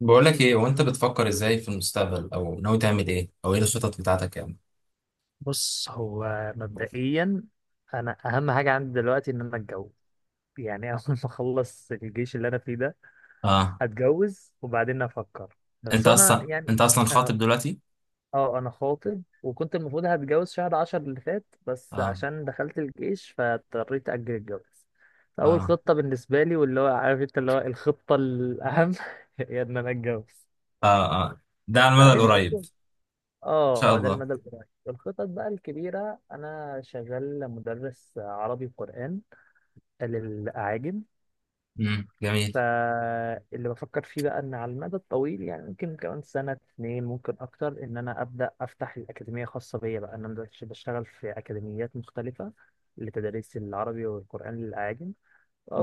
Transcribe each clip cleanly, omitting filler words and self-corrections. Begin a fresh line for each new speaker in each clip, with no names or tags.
بقول لك ايه وانت بتفكر ازاي في المستقبل او ناوي تعمل ايه او ايه الخطط بتاعتك يعني.
بص، هو مبدئيا انا اهم حاجه عندي دلوقتي ان انا اتجوز يعني. اول ما اخلص الجيش اللي انا فيه ده
اه،
هتجوز وبعدين افكر، بس
انت
انا
اصلا
يعني.
انت اصلا خاطب
اه
دلوقتي؟
انا خاطب وكنت المفروض هتجوز شهر عشر اللي فات بس
اه،
عشان دخلت الجيش فاضطريت اجل الجواز. فاول
اه،
خطه بالنسبه لي، واللي هو عارف انت، اللي هو الخطه الاهم هي ان انا اتجوز.
اه، اه، ده على المدى
بعدين بقى.
القريب ان شاء
اه ده
الله.
المدى القريب. الخطط بقى الكبيرة، أنا شغال مدرس عربي وقرآن للأعاجم.
امم، جميل
فاللي بفكر فيه بقى إن على المدى الطويل، يعني ممكن كمان سنة اتنين، ممكن أكتر، إن أنا أبدأ أفتح الأكاديمية خاصة بيا، بقى إن أنا دلوقتي بشتغل في أكاديميات مختلفة لتدريس العربي والقرآن للأعاجم.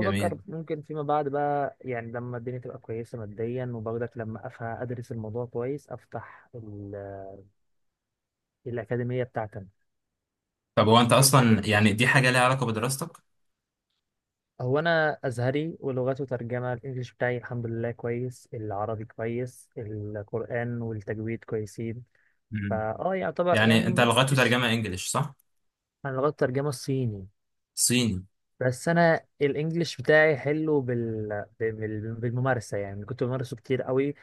جميل.
ممكن فيما بعد بقى، يعني لما الدنيا تبقى كويسة ماديا وبرضك لما أفهم أدرس الموضوع كويس، أفتح الأكاديمية بتاعتي أنا.
طب هو انت
أنت إيه؟
اصلا يعني دي حاجه ليها علاقه بدراستك؟
هو انا ازهري ولغته ترجمه، الانجليش بتاعي الحمد لله كويس، العربي كويس، القران والتجويد كويسين.
امم،
فا يعتبر
يعني انت
يعني،
لغته
مش
ترجمه انجليش صح؟
انا لغات الترجمه الصيني،
صيني؟
بس انا الانجليش بتاعي حلو بالممارسه، يعني كنت بمارسه كتير قوي،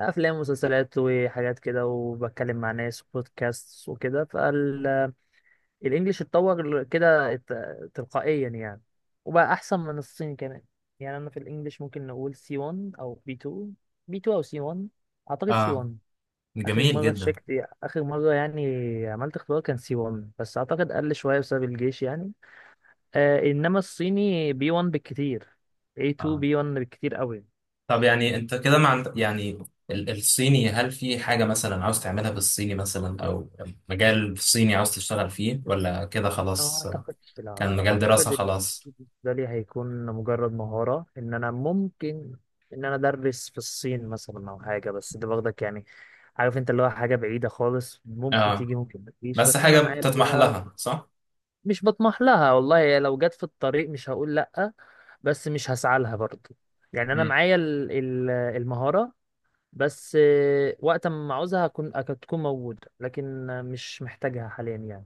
افلام ومسلسلات وحاجات كده، وبتكلم مع ناس وبودكاست وكده. الانجليش اتطور كده تلقائيا يعني، وبقى احسن من الصيني كمان. يعني انا في الانجليش ممكن نقول سي 1 او بي 2، بي 2 او سي 1، اعتقد سي
اه،
1. اخر
جميل
مره
جدا.
شكت، اخر مره يعني عملت اختبار كان سي 1، بس اعتقد قل شويه بسبب الجيش يعني. آه، انما الصيني بي 1 بالكتير، A2
آه.
بي 1 بالكتير قوي.
طب يعني انت كده مع يعني الصيني، هل في حاجة مثلا عاوز تعملها بالصيني مثلا او مجال صيني عاوز تشتغل فيه ولا كده
أنا ما
خلاص؟
أعتقدش، لا لا
كان
لا
مجال دراسة
أعتقد إن
خلاص.
بالنسبة لي هيكون مجرد مهارة، إن أنا ممكن، إن أنا أدرس في الصين مثلا أو حاجة، بس ده باخدك يعني، عارف أنت، اللي هو حاجة بعيدة خالص، ممكن
اه،
تيجي ممكن ما تجيش،
بس
بس أنا
حاجة
معايا
بتطمح
اللغة.
لها صح؟
مش بطمح لها والله يعني، لو جت في الطريق مش هقول لأ، بس مش هسعى لها برضه. يعني أنا
امم،
معايا المهارة بس. وقت ما أعوزها هكون، هتكون موجودة، لكن مش محتاجها حاليا يعني،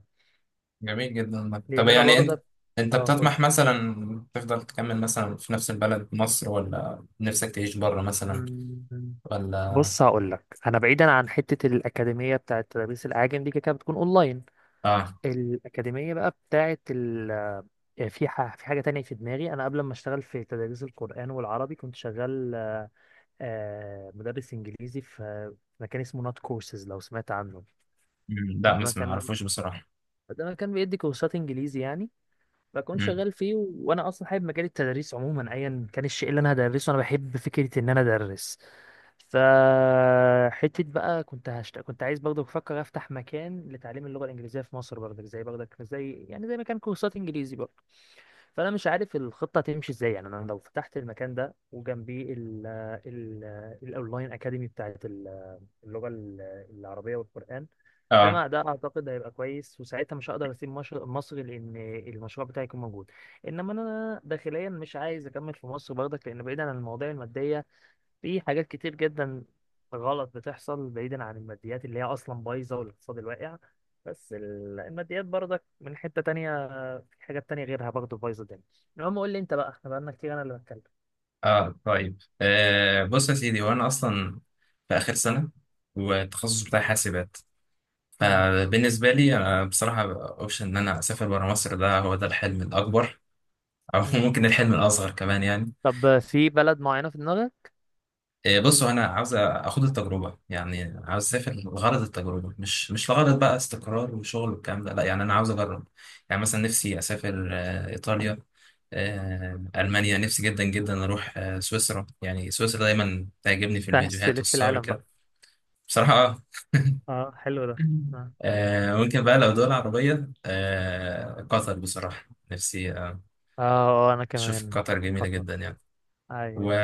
جميل جدا. طب
لأن أنا
يعني انت،
برضه.
انت
أه قول.
بتطمح مثلا تفضل تكمل مثلا في نفس البلد مصر ولا نفسك تعيش بره مثلا
مم.
ولا؟
بص، هقول لك، انا بعيدا عن حته الاكاديميه بتاعه تدريس الاعاجم دي، كده كده بتكون اونلاين.
اه.
الاكاديميه بقى بتاعه ال، آه، في حاجه تانية في دماغي. انا قبل ما اشتغل في تدريس القران والعربي كنت شغال، مدرس انجليزي في، في مكان اسمه نوت كورسز، لو سمعت عنه.
مم،
ده
لا بس ما
مكان،
اعرفوش بصراحة.
ده مكان بيدي كورسات انجليزي يعني. فكنت
مم.
شغال فيه، وانا اصلا حابب مجال التدريس عموما، ايا كان الشيء اللي انا هدرسه انا بحب فكره ان انا ادرس. ف حته بقى كنت عايز برضه، بفكر افتح مكان لتعليم اللغه الانجليزيه في مصر برضه، زي يعني، زي مكان كورسات انجليزي برضه. فانا مش عارف الخطه تمشي ازاي، يعني انا لو فتحت المكان ده وجنبيه ال ال الاونلاين اكاديمي بتاعت اللغه العربيه والقران، ده
اه،
ما ده اعتقد هيبقى كويس. وساعتها مش هقدر اسيب مصر، لان المشروع بتاعي يكون موجود. انما انا داخليا مش عايز اكمل في مصر برضك، لان بعيدا عن المواضيع الماديه في حاجات كتير جدا غلط بتحصل، بعيدا عن الماديات اللي هي اصلا بايظه والاقتصاد الواقع. بس الماديات برضك من حته تانية، في حاجات تانية غيرها برضه بايظه الدنيا. المهم قول لي انت بقى، احنا بقالنا كتير انا اللي بتكلم.
اه، طيب آه، بص يا سيدي، وانا اصلا في اخر سنه، والتخصص بتاعي حاسبات.
مم.
فبالنسبه لي انا بصراحه اوبشن ان انا اسافر بره مصر ده هو ده الحلم الاكبر. او
مم.
ممكن الحلم الاصغر كمان يعني.
طب في بلد معينه في دماغك؟
بصوا انا عاوز اخد التجربه، يعني عاوز اسافر لغرض التجربه، مش لغرض بقى استقرار وشغل والكلام ده، لا، يعني انا عاوز اجرب. يعني مثلا نفسي اسافر ايطاليا، المانيا. نفسي جدا جدا اروح سويسرا، يعني سويسرا دايما تعجبني في
انت عايز
الفيديوهات
تلف في
والصور
العالم بقى.
كده. بصراحه اه.
اه حلو. ده.
ممكن بقى لو دول عربيه، قطر بصراحه نفسي
اه. آه، انا
اشوف
كمان.
قطر جميله
خطر.
جدا يعني.
ايوه.
و...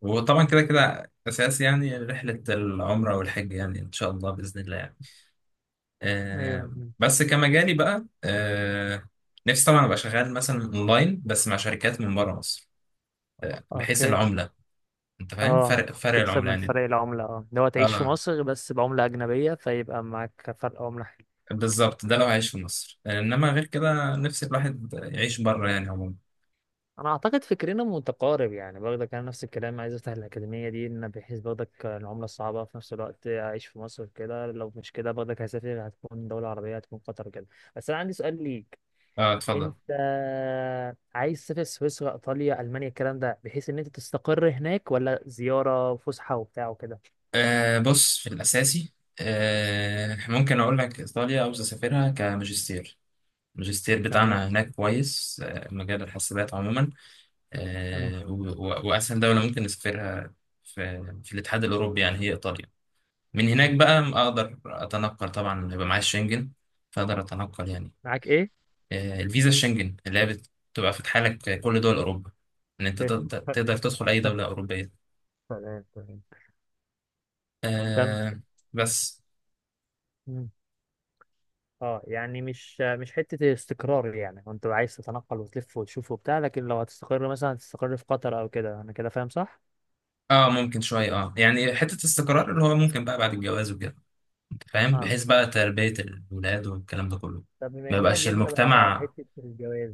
وطبعا كده كده اساس يعني رحله العمره والحج، يعني ان شاء الله باذن الله يعني.
ايوه.
بس كمجالي بقى نفسي طبعا ابقى شغال مثلا اونلاين بس مع شركات من بره مصر، بحيث
اوكي.
العمله، انت فاهم،
اه،
فرق
تكسب
العمله
من
يعني.
فرق العملة، اه، اللي هو تعيش في
اه،
مصر بس بعملة أجنبية، فيبقى معاك فرق عملة حلو.
بالظبط، ده لو عايش في مصر، انما غير كده نفسي الواحد يعيش بره يعني عموما.
أنا أعتقد فكرنا متقارب يعني، برضك أنا نفس الكلام، عايز أفتح الأكاديمية دي، إن بحيث برضك العملة الصعبة، في نفس الوقت أعيش في مصر كده. لو مش كده برضك هسافر، هتكون دولة عربية، هتكون قطر كده. بس أنا عندي سؤال ليك.
اه، اتفضل.
انت عايز تسافر سويسرا، ايطاليا، المانيا، الكلام ده بحيث ان انت تستقر هناك، ولا زياره فسحه وبتاع وكده؟
بص في الاساسي، ممكن اقول لك ايطاليا عاوز اسافرها كماجستير. الماجستير
تمام.
بتاعنا هناك كويس، مجال الحاسبات عموما.
مم.
آه، و- و- وأسهل دولة ممكن نسافرها في الاتحاد الأوروبي يعني هي إيطاليا. من هناك
مم.
بقى أقدر أتنقل، طبعا يبقى معايا الشنجن، فأقدر أتنقل يعني.
معاك ايه؟
الفيزا الشنجن اللي هي بتبقى فاتحة لك كل دول أوروبا، إن أنت تقدر تقدر تدخل أي دولة أوروبية.
تمام تمام. كمل.
آه، بس.
مم. اه يعني مش، مش حته استقرار يعني، وانت عايز تتنقل وتلف وتشوف وبتاع، لكن لو هتستقر مثلا هتستقر في قطر او كده، انا كده فاهم صح؟
اه، ممكن شوية، اه يعني حتة استقرار اللي هو ممكن بقى بعد الجواز وكده، أنت فاهم،
اه.
بحيث بقى تربية الولاد والكلام ده كله.
طب بما
ما
اننا
يبقاش
جبنا بقى
المجتمع.
حته الجواز،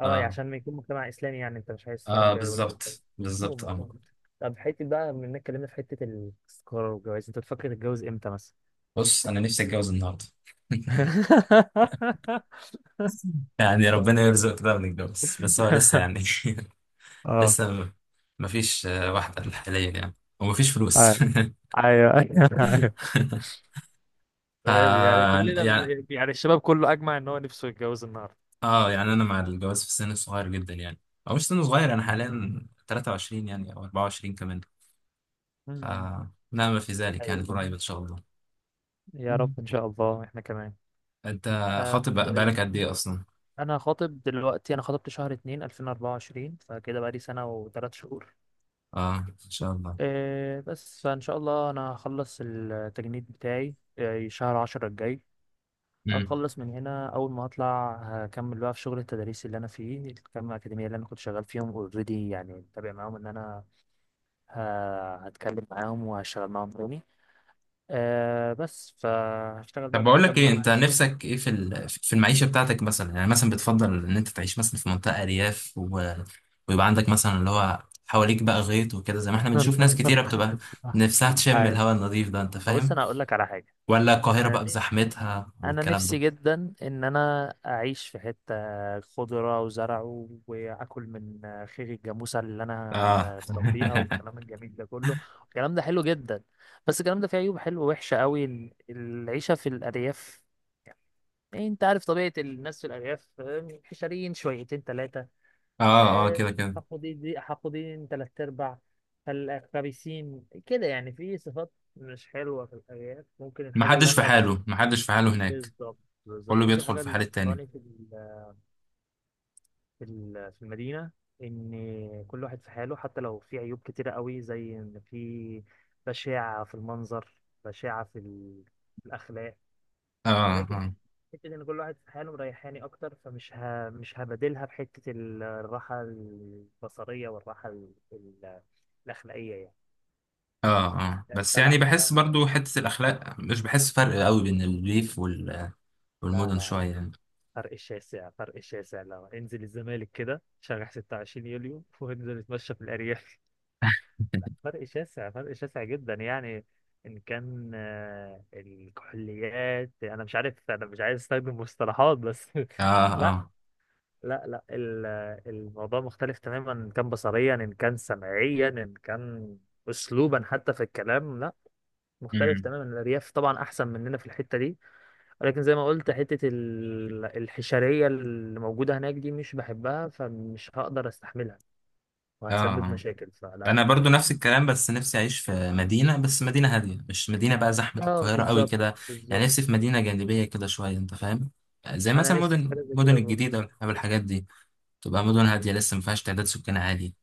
اه يعني
اه،
عشان ما يكون مجتمع اسلامي يعني، انت مش عايز
اه،
تربي ولادك
بالظبط،
كده.
بالظبط
هم
اه.
فاهم. طب حته بقى بما اننا اتكلمنا في حته الاستقرار والجواز، انت بتفكر تتجوز امتى مثلا؟
بص انا نفسي اتجوز النهارده. يعني ربنا
طيب.
يرزق كده ونتجوز، بس هو لسه يعني،
اه.
لسه مفيش واحدة حاليا يعني، ومفيش فلوس.
ايوه، ايوه ايوه.
ف
غالي يعني، كلنا
يعني
يعني الشباب كله اجمع ان هو نفسه يتجوز النهارده.
اه، يعني انا مع الجواز في السن الصغير جدا يعني، او مش سن صغير، انا حاليا 23 يعني، او 24 كمان. ف
أمم.
لا ما في ذلك يعني،
ايوه.
قريب ان شاء
يا
الله
رب ان شاء الله، احنا كمان.
انت
آه،
خاطب بق-
طيب.
بقالك قد ايه اصلا
انا خاطب دلوقتي، انا خاطبت شهر اتنين الفين اربعة وعشرين، فكده بقالي سنة وتلات شهور.
اه ان شاء الله.
إيه، بس فان شاء الله انا هخلص التجنيد بتاعي إيه شهر عشرة الجاي.
امم،
هخلص من هنا اول ما اطلع، هكمل بقى في شغل التدريس اللي انا فيه، كام اكاديمية اللي انا كنت شغال فيهم اوريدي يعني متابع معاهم، ان انا هتكلم معاهم وهشتغل معاهم تاني. إيه، بس فهشتغل بقى
طب، بقول
لحد
لك ايه،
ما انا.
انت نفسك ايه في في المعيشه بتاعتك مثلا؟ يعني مثلا بتفضل ان انت تعيش مثلا في منطقه ارياف ويبقى عندك مثلا اللي هو حواليك بقى غيط وكده، زي ما احنا بنشوف ناس كتيره بتبقى نفسها تشم
أي.
الهواء النظيف ده، انت
بص
فاهم؟
انا هقول لك على حاجة.
ولا القاهره بقى بزحمتها
انا
والكلام
نفسي
ده؟
جدا ان انا اعيش في حته خضره وزرع واكل من خير الجاموسه اللي انا
اه.
بربيها والكلام الجميل ده كله. الكلام ده حلو جدا، بس الكلام ده فيه عيوب، حلوه وحشه قوي العيشه في الارياف. إيه، انت عارف طبيعه الناس في الارياف، آه، حشريين شويتين ثلاثه،
اه، اه، كده كده.
حقودين حقودين ثلاث ارباع، فالخبيثين كده يعني، في صفات مش حلوه في الارياف. ممكن الحاجه اللي انا.
محدش في حاله هناك،
بالظبط. بالظبط،
كله
ممكن
بيدخل
الحاجة
في
اللي
حال التاني.
بسطاني في في المدينة، إن كل واحد في حاله، حتى لو في عيوب كتيرة قوي، زي إن في بشاعة في المنظر، بشاعة في في الأخلاق، ولكن
اه،
حتة إن كل واحد في حاله مريحاني أكتر، فمش مش هبادلها بحتة الراحة البصرية والراحة الأخلاقية يعني.
اه، اه، بس يعني
فلا
بحس
أنا-
برضو حتة الأخلاق، مش بحس فرق قوي بين الريف
لا
والمدن
لا
شوية
لا
يعني.
فرق الشاسع، فرق الشاسع، لو انزل الزمالك كده شارع 26 يوليو وانزل اتمشى في الأرياف. لا، فرق شاسع، فرق شاسع جدا يعني. إن كان آه، الكحوليات، أنا مش عارف، أنا مش عايز أستخدم مصطلحات بس.
اه،
لا.
اه،
لا الموضوع مختلف تماما، إن كان بصريا، إن كان سمعيا، إن كان أسلوبا حتى في الكلام. لا، مختلف
امم،
تماما. الأرياف طبعا أحسن مننا في الحتة دي، ولكن زي ما قلت حتة الحشرية اللي موجودة هناك دي مش بحبها، فمش هقدر استحملها،
اه،
وهتسبب
آه.
مشاكل، فلا،
انا برضو
مش.
نفس الكلام، بس نفسي اعيش في مدينه، بس مدينه هاديه، مش مدينه بقى زحمه
اه
القاهره قوي
بالظبط.
كده. يعني
بالظبط.
نفسي في مدينه جانبيه كده شويه، انت فاهم، زي
انا
مثلا
نفسي في
مدن
حاجة زي
مدن
كده برضه.
الجديده والحاجات دي، تبقى مدن هاديه لسه ما فيهاش تعداد سكان عالي.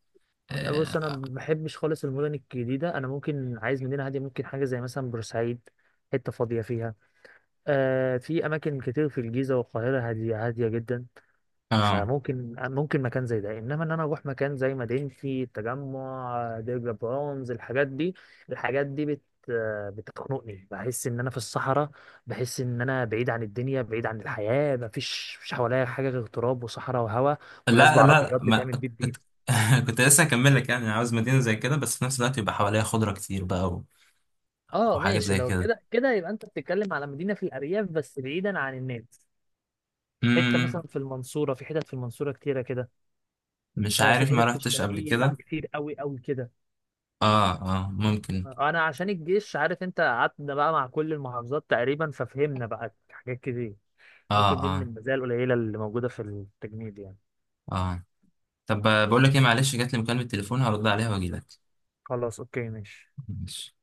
بص انا
اه،
ما بحبش خالص المدن الجديدة، انا ممكن عايز مدينة هادية، ممكن حاجة زي مثلا بورسعيد، حتة فاضية فيها. آه، في اماكن كتير في الجيزة والقاهرة هادية هادية جدا،
آه.
فممكن، ممكن مكان زي ده. انما ان انا اروح مكان زي مدينتي، التجمع، ديرجا، برونز، الحاجات دي، الحاجات دي بتخنقني، بحس ان انا في الصحراء، بحس ان انا بعيد عن الدنيا، بعيد عن الحياه، مفيش، مفيش حواليا حاجه غير تراب وصحراء وهواء وناس
لا لا
بعربيات
ما
بتعمل بيب بيب.
كنت كنت لسه هكمل لك، يعني عاوز مدينة زي كده بس في نفس الوقت يبقى حواليها خضرة كتير بقى،
اه
وحاجات
ماشي،
زي
لو
كده.
كده كده يبقى انت بتتكلم على مدينه في الارياف بس بعيدا عن الناس. حته مثلا
امم،
في المنصوره، في حتت في المنصوره كتيره كده.
مش
آه في
عارف ما
حتت في
رحتش قبل
الشرقيه بقى
كده.
كتير قوي قوي كده.
اه، اه، ممكن.
انا عشان الجيش، عارف انت، قعدنا بقى مع كل المحافظات تقريبا، ففهمنا بقى حاجات كتير.
اه،
ممكن دي من
اه،
المزايا القليله اللي موجوده في التجنيد يعني.
اه، طب، بقول لك ايه، معلش جات لي مكالمة تليفون هرد عليها واجي لك.
خلاص، اوكي، ماشي.
ماشي.